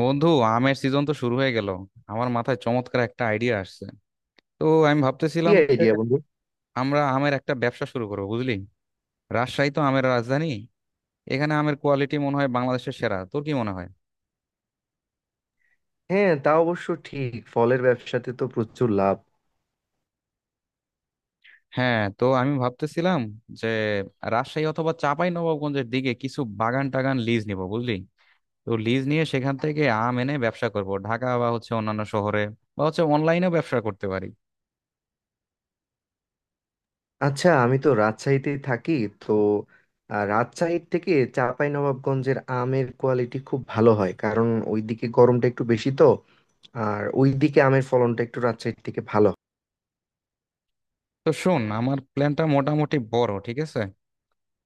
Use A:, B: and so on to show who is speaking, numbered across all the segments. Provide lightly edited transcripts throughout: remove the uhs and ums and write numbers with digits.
A: বন্ধু, আমের সিজন তো শুরু হয়ে গেল। আমার মাথায় চমৎকার একটা আইডিয়া আসছে। তো আমি
B: কি
A: ভাবতেছিলাম যে
B: আইডিয়া, বন্ধু?
A: আমরা আমের একটা ব্যবসা শুরু করবো, বুঝলি। রাজশাহী তো আমের রাজধানী, এখানে আমের কোয়ালিটি মনে হয় বাংলাদেশের সেরা। তোর কি মনে হয়?
B: হ্যাঁ, তা অবশ্য ঠিক। ফলের ব্যবসাতে তো প্রচুর লাভ।
A: হ্যাঁ, তো আমি ভাবতেছিলাম যে রাজশাহী অথবা চাঁপাই নবাবগঞ্জের দিকে কিছু বাগান টাগান লিজ নিব, বুঝলি। তো লিজ নিয়ে সেখান থেকে আম এনে ব্যবসা করব ঢাকা বা হচ্ছে অন্যান্য শহরে, বা হচ্ছে অনলাইনেও ব্যবসা করতে পারি।
B: আচ্ছা, আমি তো রাজশাহীতেই থাকি। তো রাজশাহীর থেকে চাঁপাইনবাবগঞ্জের আমের কোয়ালিটি খুব ভালো হয়, কারণ ওইদিকে গরমটা একটু বেশি। তো আর ওইদিকে আমের ফলনটা একটু রাজশাহীর থেকে ভালো।
A: তো শোন, আমার প্ল্যানটা মোটামুটি বড়, ঠিক আছে।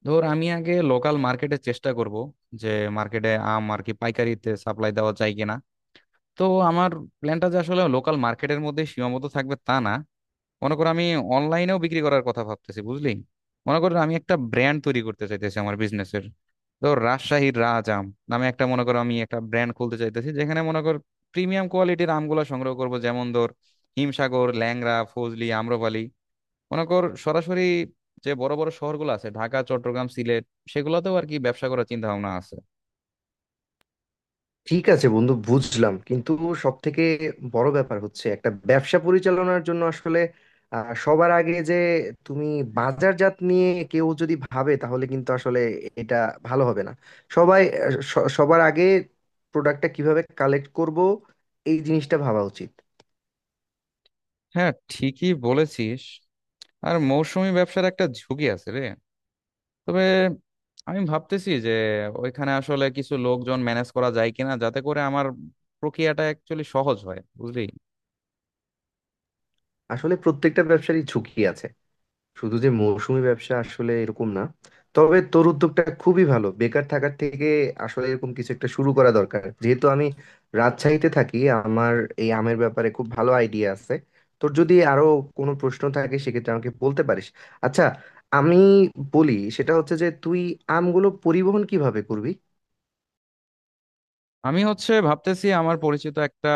A: ধর, আমি আগে লোকাল মার্কেটে চেষ্টা করব যে মার্কেটে আম আর কি পাইকারিতে সাপ্লাই দেওয়া যায় কিনা। তো আমার প্ল্যানটা যে আসলে লোকাল মার্কেটের মধ্যে সীমাবদ্ধ থাকবে তা না। মনে করো, আমি অনলাইনেও বিক্রি করার কথা ভাবতেছি, বুঝলি। মনে করো, আমি একটা ব্র্যান্ড তৈরি করতে চাইতেছি আমার বিজনেসের। ধর, রাজশাহীর রাজ আম নামে একটা, মনে করো আমি একটা ব্র্যান্ড খুলতে চাইতেছি যেখানে মনে কর প্রিমিয়াম কোয়ালিটির আমগুলো সংগ্রহ করব, যেমন ধর হিমসাগর, ল্যাংড়া, ফজলি, আম্রপালি। মনে কর, সরাসরি যে বড় বড় শহরগুলো আছে ঢাকা, চট্টগ্রাম, সিলেট, সেগুলোতেও আর কি ব্যবসা করার চিন্তা ভাবনা আছে।
B: ঠিক আছে বন্ধু, বুঝলাম। কিন্তু সব থেকে বড় ব্যাপার হচ্ছে, একটা ব্যবসা পরিচালনার জন্য আসলে সবার আগে যে তুমি বাজারজাত নিয়ে কেউ যদি ভাবে তাহলে কিন্তু আসলে এটা ভালো হবে না। সবাই সবার আগে প্রোডাক্টটা কিভাবে কালেক্ট করব, এই জিনিসটা ভাবা উচিত।
A: হ্যাঁ, ঠিকই বলেছিস। আর মৌসুমী ব্যবসার একটা ঝুঁকি আছে রে। তবে আমি ভাবতেছি যে ওইখানে আসলে কিছু লোকজন ম্যানেজ করা যায় কিনা, যাতে করে আমার প্রক্রিয়াটা অ্যাকচুয়ালি সহজ হয়, বুঝলি।
B: আসলে প্রত্যেকটা ব্যবসারই ঝুঁকি আছে। শুধু যে মৌসুমী ব্যবসা আসলে এরকম না। তবে তোর উদ্যোগটা খুবই ভালো। বেকার থাকার থেকে আসলে এরকম কিছু একটা শুরু করা দরকার। যেহেতু আমি রাজশাহীতে থাকি, আমার এই আমের ব্যাপারে খুব ভালো আইডিয়া আছে। তোর যদি আরো কোনো প্রশ্ন থাকে, সেক্ষেত্রে আমাকে বলতে পারিস। আচ্ছা, আমি বলি, সেটা হচ্ছে যে তুই আমগুলো পরিবহন কিভাবে করবি?
A: আমি হচ্ছে ভাবতেছি, আমার পরিচিত একটা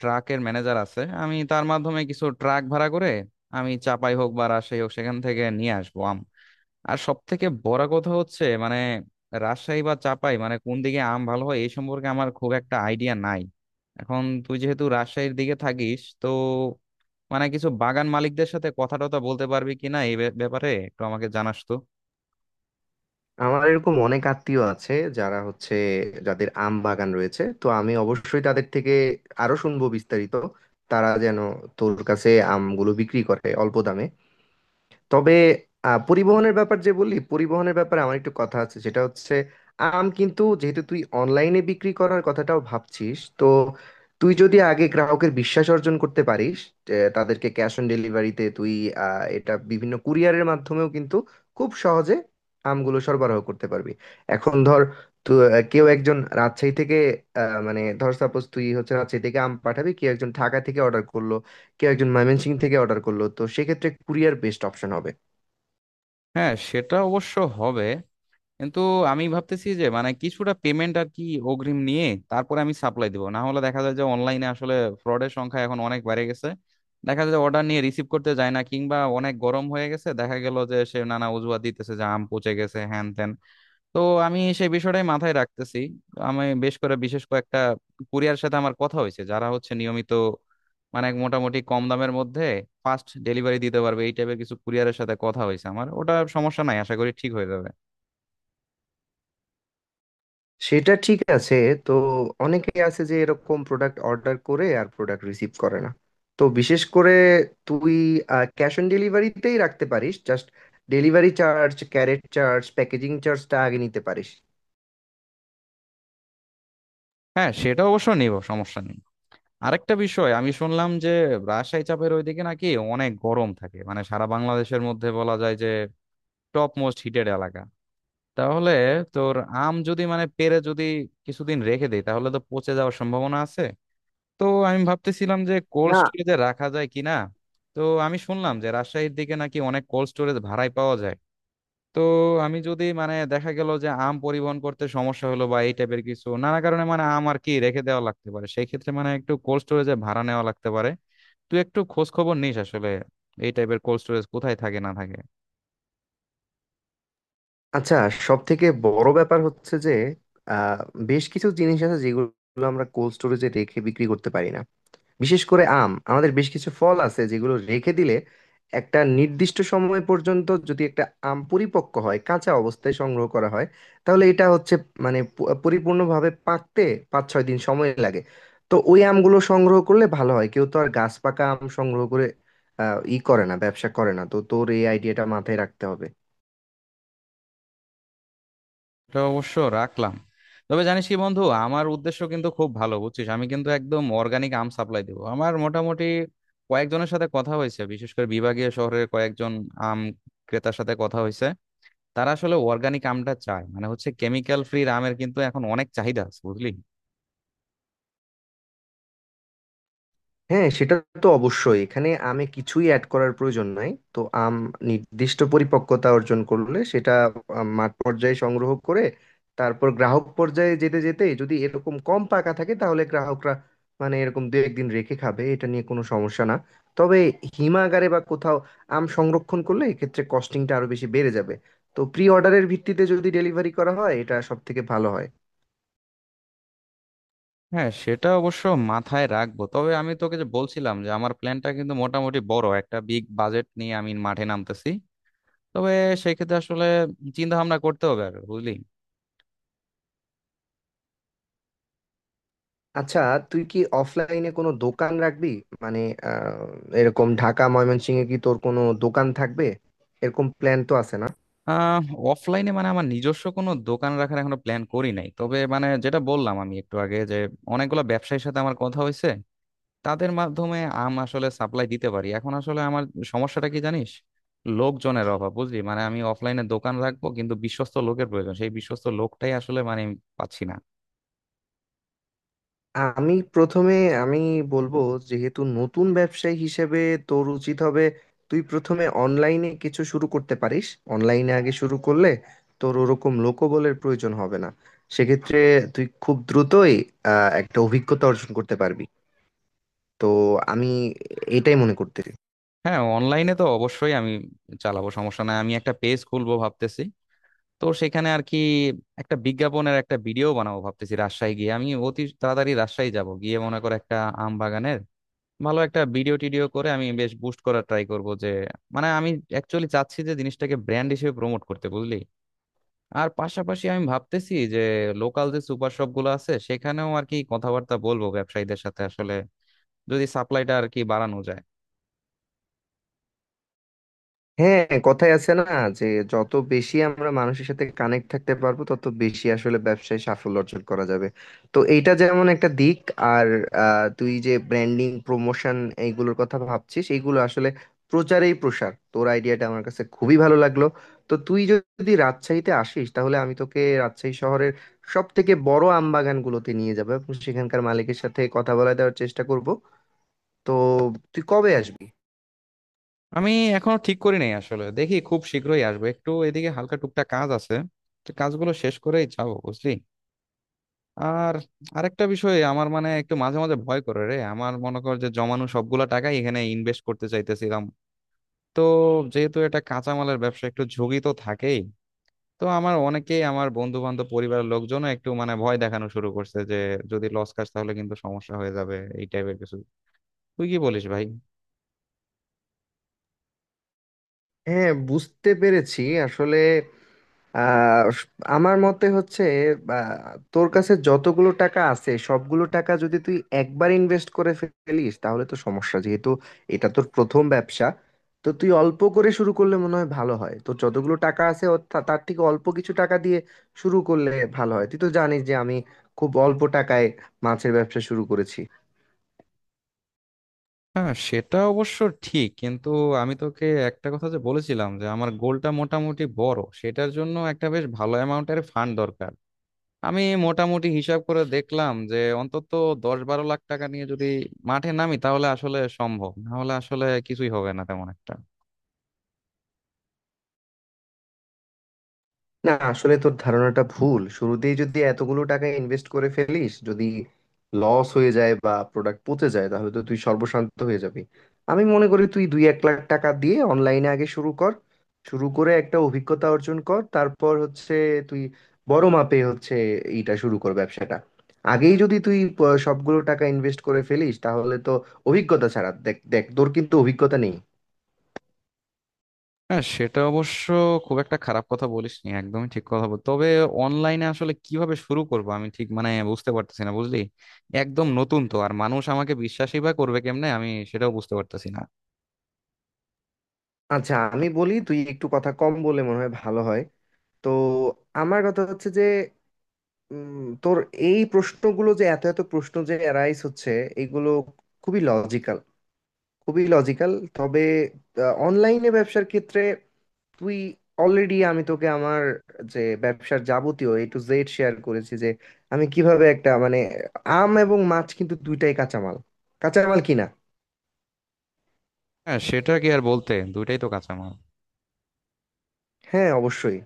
A: ট্রাকের ম্যানেজার আছে, আমি তার মাধ্যমে কিছু ট্রাক ভাড়া করে, আমি চাপাই হোক বা রাজশাহী হোক সেখান থেকে নিয়ে আসবো আম। আর সব থেকে বড় কথা হচ্ছে মানে রাজশাহী বা চাপাই মানে কোন দিকে আম ভালো হয় এই সম্পর্কে আমার খুব একটা আইডিয়া নাই। এখন তুই যেহেতু রাজশাহীর দিকে থাকিস, তো মানে কিছু বাগান মালিকদের সাথে কথা টথা বলতে পারবি কিনা এই ব্যাপারে একটু আমাকে জানাস তো।
B: আমার এরকম অনেক আত্মীয় আছে, যারা হচ্ছে যাদের আম বাগান রয়েছে। তো আমি অবশ্যই তাদের থেকে আরো শুনবো বিস্তারিত, তারা যেন তোর কাছে আমগুলো বিক্রি করে অল্প দামে। তবে পরিবহনের ব্যাপার যে বললি, পরিবহনের ব্যাপারে আমার একটু কথা আছে, সেটা হচ্ছে আম কিন্তু যেহেতু তুই অনলাইনে বিক্রি করার কথাটাও ভাবছিস, তো তুই যদি আগে গ্রাহকের বিশ্বাস অর্জন করতে পারিস, যে তাদেরকে ক্যাশ অন ডেলিভারিতে তুই এটা বিভিন্ন কুরিয়ারের মাধ্যমেও কিন্তু খুব সহজে আমগুলো সরবরাহ করতে পারবি। এখন ধর, তো কেউ একজন রাজশাহী থেকে মানে ধর সাপোজ তুই হচ্ছে রাজশাহী থেকে আম পাঠাবি, কেউ একজন ঢাকা থেকে অর্ডার করলো, কেউ একজন ময়মনসিং থেকে অর্ডার করলো, তো সেক্ষেত্রে কুরিয়ার বেস্ট অপশন হবে।
A: হ্যাঁ, সেটা অবশ্য হবে, কিন্তু আমি ভাবতেছি যে মানে কিছুটা পেমেন্ট আর কি অগ্রিম নিয়ে তারপরে আমি সাপ্লাই দিব, না হলে দেখা যায় যে অনলাইনে আসলে ফ্রডের সংখ্যা এখন অনেক বেড়ে গেছে। দেখা যায় যে অর্ডার নিয়ে রিসিভ করতে যায় না, কিংবা অনেক গরম হয়ে গেছে, দেখা গেল যে সে নানা অজুহাত দিতেছে যে আম পচে গেছে হ্যান ত্যান। তো আমি সেই বিষয়টাই মাথায় রাখতেছি। আমি বেশ করে বিশেষ কয়েকটা কুরিয়ার সাথে আমার কথা হয়েছে, যারা হচ্ছে নিয়মিত মানে মোটামুটি কম দামের মধ্যে ফাস্ট ডেলিভারি দিতে পারবে, এই টাইপের কিছু কুরিয়ারের সাথে কথা হয়েছে আমার। ওটা সমস্যা নাই, আশা করি ঠিক হয়ে যাবে।
B: সেটা ঠিক আছে। তো অনেকে আছে যে এরকম প্রোডাক্ট অর্ডার করে আর প্রোডাক্ট রিসিভ করে না। তো বিশেষ করে তুই ক্যাশ অন ডেলিভারিতেই রাখতে পারিস। জাস্ট ডেলিভারি চার্জ, ক্যারেট চার্জ, প্যাকেজিং চার্জটা আগে নিতে পারিস।
A: হ্যাঁ, সেটা অবশ্য নিব, সমস্যা নেই। আরেকটা বিষয়, আমি শুনলাম যে রাজশাহী চাপের ওইদিকে নাকি অনেক গরম থাকে, মানে সারা বাংলাদেশের মধ্যে বলা যায় যে টপ মোস্ট হিটেড এলাকা। তাহলে তোর আম যদি মানে পেরে যদি কিছুদিন রেখে দেই, তাহলে তো পচে যাওয়ার সম্ভাবনা আছে। তো আমি ভাবতেছিলাম যে কোল্ড
B: না।
A: স্টোরেজে রাখা যায় কিনা। তো আমি শুনলাম যে রাজশাহীর দিকে নাকি অনেক কোল্ড স্টোরেজ ভাড়ায় পাওয়া যায়। তো আমি যদি মানে দেখা গেল যে আম পরিবহন করতে সমস্যা হলো বা এই টাইপের কিছু নানা কারণে মানে আম আর কি রেখে দেওয়া লাগতে পারে, সেই ক্ষেত্রে মানে একটু কোল্ড স্টোরেজে ভাড়া নেওয়া লাগতে পারে। তুই একটু খোঁজ খবর নিস আসলে এই টাইপের কোল্ড স্টোরেজ কোথায় থাকে না থাকে।
B: আচ্ছা, সব থেকে বড় ব্যাপার হচ্ছে যে আহ, বেশ কিছু জিনিস আছে যেগুলো আমরা কোল্ড স্টোরেজে রেখে বিক্রি করতে পারি না। বিশেষ করে আম, আমাদের বেশ কিছু ফল আছে যেগুলো রেখে দিলে একটা নির্দিষ্ট সময় পর্যন্ত, যদি একটা আম পরিপক্ক হয় কাঁচা অবস্থায় সংগ্রহ করা হয়, তাহলে এটা হচ্ছে মানে পরিপূর্ণভাবে পাকতে 5-6 দিন সময় লাগে। তো ওই আমগুলো সংগ্রহ করলে ভালো হয়। কেউ তো আর গাছ পাকা আম সংগ্রহ করে ই করে না, ব্যবসা করে না। তো তোর এই আইডিয়াটা মাথায় রাখতে হবে।
A: এটা অবশ্য রাখলাম। তবে জানিস কি বন্ধু, আমার উদ্দেশ্য কিন্তু খুব ভালো, বুঝছিস। আমি কিন্তু একদম অর্গানিক আম সাপ্লাই দেবো। আমার মোটামুটি কয়েকজনের সাথে কথা হয়েছে, বিশেষ করে বিভাগীয় শহরের কয়েকজন আম ক্রেতার সাথে কথা হয়েছে। তারা আসলে অর্গানিক আমটা চায়, মানে হচ্ছে কেমিক্যাল ফ্রি আমের কিন্তু এখন অনেক চাহিদা আছে, বুঝলি।
B: হ্যাঁ, সেটা তো অবশ্যই। এখানে আমে কিছুই অ্যাড করার প্রয়োজন নাই। তো আম নির্দিষ্ট পরিপক্কতা অর্জন করলে সেটা মাঠ পর্যায়ে সংগ্রহ করে, তারপর গ্রাহক পর্যায়ে যেতে যেতে যদি এরকম কম পাকা থাকে তাহলে গ্রাহকরা মানে এরকম দু একদিন রেখে খাবে, এটা নিয়ে কোনো সমস্যা না। তবে হিমাগারে বা কোথাও আম সংরক্ষণ করলে এক্ষেত্রে কস্টিংটা আরো বেশি বেড়ে যাবে। তো প্রি অর্ডারের ভিত্তিতে যদি ডেলিভারি করা হয়, এটা সব থেকে ভালো হয়।
A: হ্যাঁ, সেটা অবশ্য মাথায় রাখবো। তবে আমি তোকে যে বলছিলাম যে আমার প্ল্যানটা কিন্তু মোটামুটি বড়, একটা বিগ বাজেট নিয়ে আমি মাঠে নামতেছি। তবে সেক্ষেত্রে আসলে চিন্তা ভাবনা করতে হবে আর, বুঝলি।
B: আচ্ছা, তুই কি অফলাইনে কোনো দোকান রাখবি? মানে আহ, এরকম ঢাকা, ময়মনসিংহে কি তোর কোনো দোকান থাকবে? এরকম প্ল্যান তো আছে, না?
A: আহ অফলাইনে মানে আমার নিজস্ব কোনো দোকান রাখার এখনো প্ল্যান করি নাই। তবে মানে যেটা বললাম আমি একটু আগে, যে অনেকগুলো ব্যবসায়ীর সাথে আমার কথা হয়েছে, তাদের মাধ্যমে আম আসলে সাপ্লাই দিতে পারি। এখন আসলে আমার সমস্যাটা কি জানিস, লোকজনের অভাব, বুঝলি। মানে আমি অফলাইনে দোকান রাখবো কিন্তু বিশ্বস্ত লোকের প্রয়োজন, সেই বিশ্বস্ত লোকটাই আসলে মানে আমি পাচ্ছি না।
B: আমি প্রথমে, আমি বলবো, যেহেতু নতুন ব্যবসায়ী হিসেবে তোর উচিত হবে তুই প্রথমে অনলাইনে কিছু শুরু করতে পারিস। অনলাইনে আগে শুরু করলে তোর ওরকম লোকবলের প্রয়োজন হবে না। সেক্ষেত্রে তুই খুব দ্রুতই একটা অভিজ্ঞতা অর্জন করতে পারবি। তো আমি এটাই মনে করতেছি।
A: হ্যাঁ, অনলাইনে তো অবশ্যই আমি চালাবো, সমস্যা নাই। আমি একটা পেজ খুলবো ভাবতেছি। তো সেখানে আর কি একটা বিজ্ঞাপনের একটা ভিডিও বানাবো ভাবতেছি। রাজশাহী গিয়ে আমি অতি তাড়াতাড়ি রাজশাহী যাব, গিয়ে মনে করে একটা আম বাগানের ভালো একটা ভিডিও টিডিও করে আমি বেশ বুস্ট করার ট্রাই করব। যে মানে আমি অ্যাকচুয়ালি চাচ্ছি যে জিনিসটাকে ব্র্যান্ড হিসেবে প্রমোট করতে, বুঝলি। আর পাশাপাশি আমি ভাবতেছি যে লোকাল যে সুপার শপ গুলো আছে সেখানেও আর কি কথাবার্তা বলবো ব্যবসায়ীদের সাথে, আসলে যদি সাপ্লাইটা আর কি বাড়ানো যায়।
B: হ্যাঁ, কথাই আছে না, যে যত বেশি আমরা মানুষের সাথে কানেক্ট থাকতে পারবো, তত বেশি আসলে ব্যবসায় সাফল্য অর্জন করা যাবে। তো এইটা যেমন একটা দিক। আর তুই যে ব্র্যান্ডিং, প্রমোশন এইগুলোর কথা ভাবছিস, এইগুলো আসলে প্রচারেই প্রসার। তোর আইডিয়াটা আমার কাছে খুবই ভালো লাগলো। তো তুই যদি রাজশাহীতে আসিস, তাহলে আমি তোকে রাজশাহী শহরের সব থেকে বড় আম বাগানগুলোতে নিয়ে যাবো, এবং সেখানকার মালিকের সাথে কথা বলা দেওয়ার চেষ্টা করব। তো তুই কবে আসবি?
A: আমি এখনো ঠিক করি নাই আসলে, দেখি খুব শীঘ্রই আসবো। একটু এদিকে হালকা টুকটাক কাজ আছে, তো কাজগুলো শেষ করেই যাবো, বুঝলি। আর আরেকটা বিষয়, আমার মানে একটু মাঝে মাঝে ভয় করে রে। আমার মনে কর যে জমানো সবগুলা টাকাই এখানে ইনভেস্ট করতে চাইতেছিলাম। তো যেহেতু এটা কাঁচামালের ব্যবসা, একটু ঝুঁকি তো থাকেই। তো আমার অনেকেই, আমার বন্ধু বান্ধব পরিবারের লোকজন একটু মানে ভয় দেখানো শুরু করছে যে যদি লস খাস তাহলে কিন্তু সমস্যা হয়ে যাবে, এই টাইপের কিছু। তুই কি বলিস ভাই?
B: হ্যাঁ, বুঝতে পেরেছি। আসলে, আর আমার মতে হচ্ছে, বা, তোর কাছে যতগুলো টাকা আছে, সবগুলো টাকা যদি তুই একবার ইনভেস্ট করে ফেলিস তাহলে তো সমস্যা। যেহেতু এটা তোর প্রথম ব্যবসা, তো তুই অল্প করে শুরু করলে মনে হয় ভালো হয়। তো যতগুলো টাকা আছে ও তার থেকে অল্প কিছু টাকা দিয়ে শুরু করলে ভালো হয়। তুই তো জানিস যে আমি খুব অল্প টাকায় মাছের ব্যবসা শুরু করেছি।
A: হ্যাঁ, সেটা অবশ্য ঠিক, কিন্তু আমি তোকে একটা কথা যে বলেছিলাম যে আমার গোলটা মোটামুটি বড়, সেটার জন্য একটা বেশ ভালো অ্যামাউন্টের ফান্ড দরকার। আমি মোটামুটি হিসাব করে দেখলাম যে অন্তত 10-12 লাখ টাকা নিয়ে যদি মাঠে নামি, তাহলে আসলে সম্ভব, না হলে আসলে কিছুই হবে না তেমন একটা।
B: না, আসলে তোর ধারণাটা ভুল। শুরুতেই যদি এতগুলো টাকা ইনভেস্ট করে ফেলিস, যদি লস হয়ে যায় বা প্রোডাক্ট পচে যায়, তাহলে তো তুই সর্বশান্ত হয়ে যাবি। আমি মনে করি তুই 1-2 লাখ টাকা দিয়ে অনলাইনে আগে শুরু কর। শুরু করে একটা অভিজ্ঞতা অর্জন কর, তারপর হচ্ছে তুই বড় মাপে হচ্ছে এইটা শুরু কর, ব্যবসাটা। আগেই যদি তুই সবগুলো টাকা ইনভেস্ট করে ফেলিস, তাহলে তো অভিজ্ঞতা ছাড়া দেখ দেখ তোর কিন্তু অভিজ্ঞতা নেই।
A: হ্যাঁ, সেটা অবশ্য খুব একটা খারাপ কথা বলিসনি, একদমই ঠিক কথা বল। তবে অনলাইনে আসলে কিভাবে শুরু করব আমি ঠিক মানে বুঝতে পারতেছি না, বুঝলি। একদম নতুন তো, আর মানুষ আমাকে বিশ্বাসই বা করবে কেমনে, আমি সেটাও বুঝতে পারতেছি না।
B: আচ্ছা, আমি বলি তুই একটু কথা কম বলে মনে হয় ভালো হয়। তো আমার কথা হচ্ছে যে তোর এই প্রশ্নগুলো, যে এত এত প্রশ্ন যে অ্যারাইজ হচ্ছে, এইগুলো খুবই লজিক্যাল। খুবই লজিক্যাল। তবে অনলাইনে ব্যবসার ক্ষেত্রে তুই অলরেডি, আমি তোকে আমার যে ব্যবসার যাবতীয় A to Z শেয়ার করেছি, যে আমি কিভাবে একটা মানে আম এবং মাছ কিন্তু দুইটাই কাঁচামাল। কাঁচামাল কিনা?
A: হ্যাঁ, সেটা কি আর বলতে, দুইটাই তো কাঁচামাল।
B: হ্যাঁ, অবশ্যই।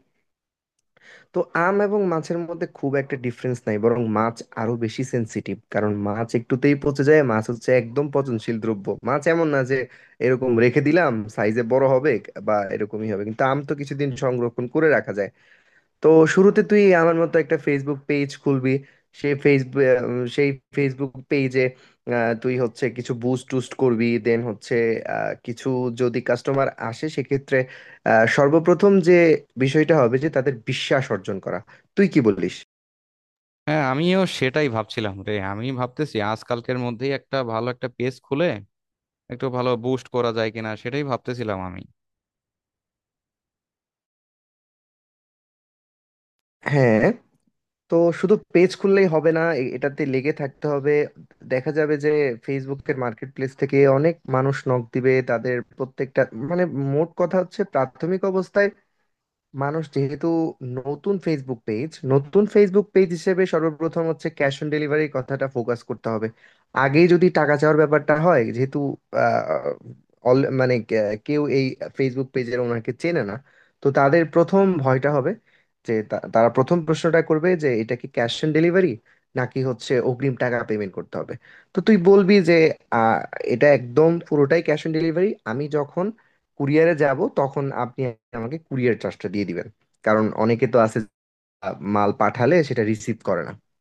B: তো আম এবং মাছের মধ্যে খুব একটা ডিফারেন্স নাই, বরং মাছ আরো বেশি সেনসিটিভ। কারণ মাছ একটুতেই পচে যায়। মাছ হচ্ছে একদম পচনশীল দ্রব্য। মাছ এমন না যে এরকম রেখে দিলাম সাইজে বড় হবে বা এরকমই হবে, কিন্তু আম তো কিছুদিন সংরক্ষণ করে রাখা যায়। তো শুরুতে তুই আমার মতো একটা ফেসবুক পেজ খুলবি। সেই ফেসবুক সেই ফেসবুক পেজে তুই হচ্ছে কিছু বুস্ট টুস্ট করবি। দেন হচ্ছে কিছু যদি কাস্টমার আসে সেক্ষেত্রে সর্বপ্রথম যে বিষয়টা হবে যে তাদের বিশ্বাস অর্জন করা। তুই কি বলিস?
A: হ্যাঁ, আমিও সেটাই ভাবছিলাম রে। আমি ভাবতেছি আজকালকের মধ্যেই একটা ভালো একটা পেজ খুলে একটু ভালো বুস্ট করা যায় কিনা, সেটাই ভাবতেছিলাম আমি।
B: হ্যাঁ। তো শুধু পেজ খুললেই হবে না, এটাতে লেগে থাকতে হবে। দেখা যাবে যে ফেসবুকের মার্কেট প্লেস থেকে অনেক মানুষ নক দিবে, তাদের প্রত্যেকটা মানে মোট কথা হচ্ছে প্রাথমিক অবস্থায় মানুষ যেহেতু নতুন ফেসবুক পেজ হিসেবে সর্বপ্রথম হচ্ছে ক্যাশ অন ডেলিভারির কথাটা ফোকাস করতে হবে। আগে যদি টাকা চাওয়ার ব্যাপারটা হয়, যেহেতু আহ, মানে কেউ এই ফেসবুক পেজের ওনাকে চেনে না, তো তাদের প্রথম ভয়টা হবে যে তারা প্রথম প্রশ্নটা করবে যে এটা কি ক্যাশ অন ডেলিভারি নাকি হচ্ছে অগ্রিম টাকা পেমেন্ট করতে হবে। তো তুই বলবি যে আহ, এটা একদম পুরোটাই ক্যাশ অন ডেলিভারি। আমি যখন কুরিয়ারে যাব, তখন আপনি আমাকে কুরিয়ার চার্জটা দিয়ে দিবেন। কারণ অনেকে তো আছে মাল পাঠালে সেটা রিসিভ করে না।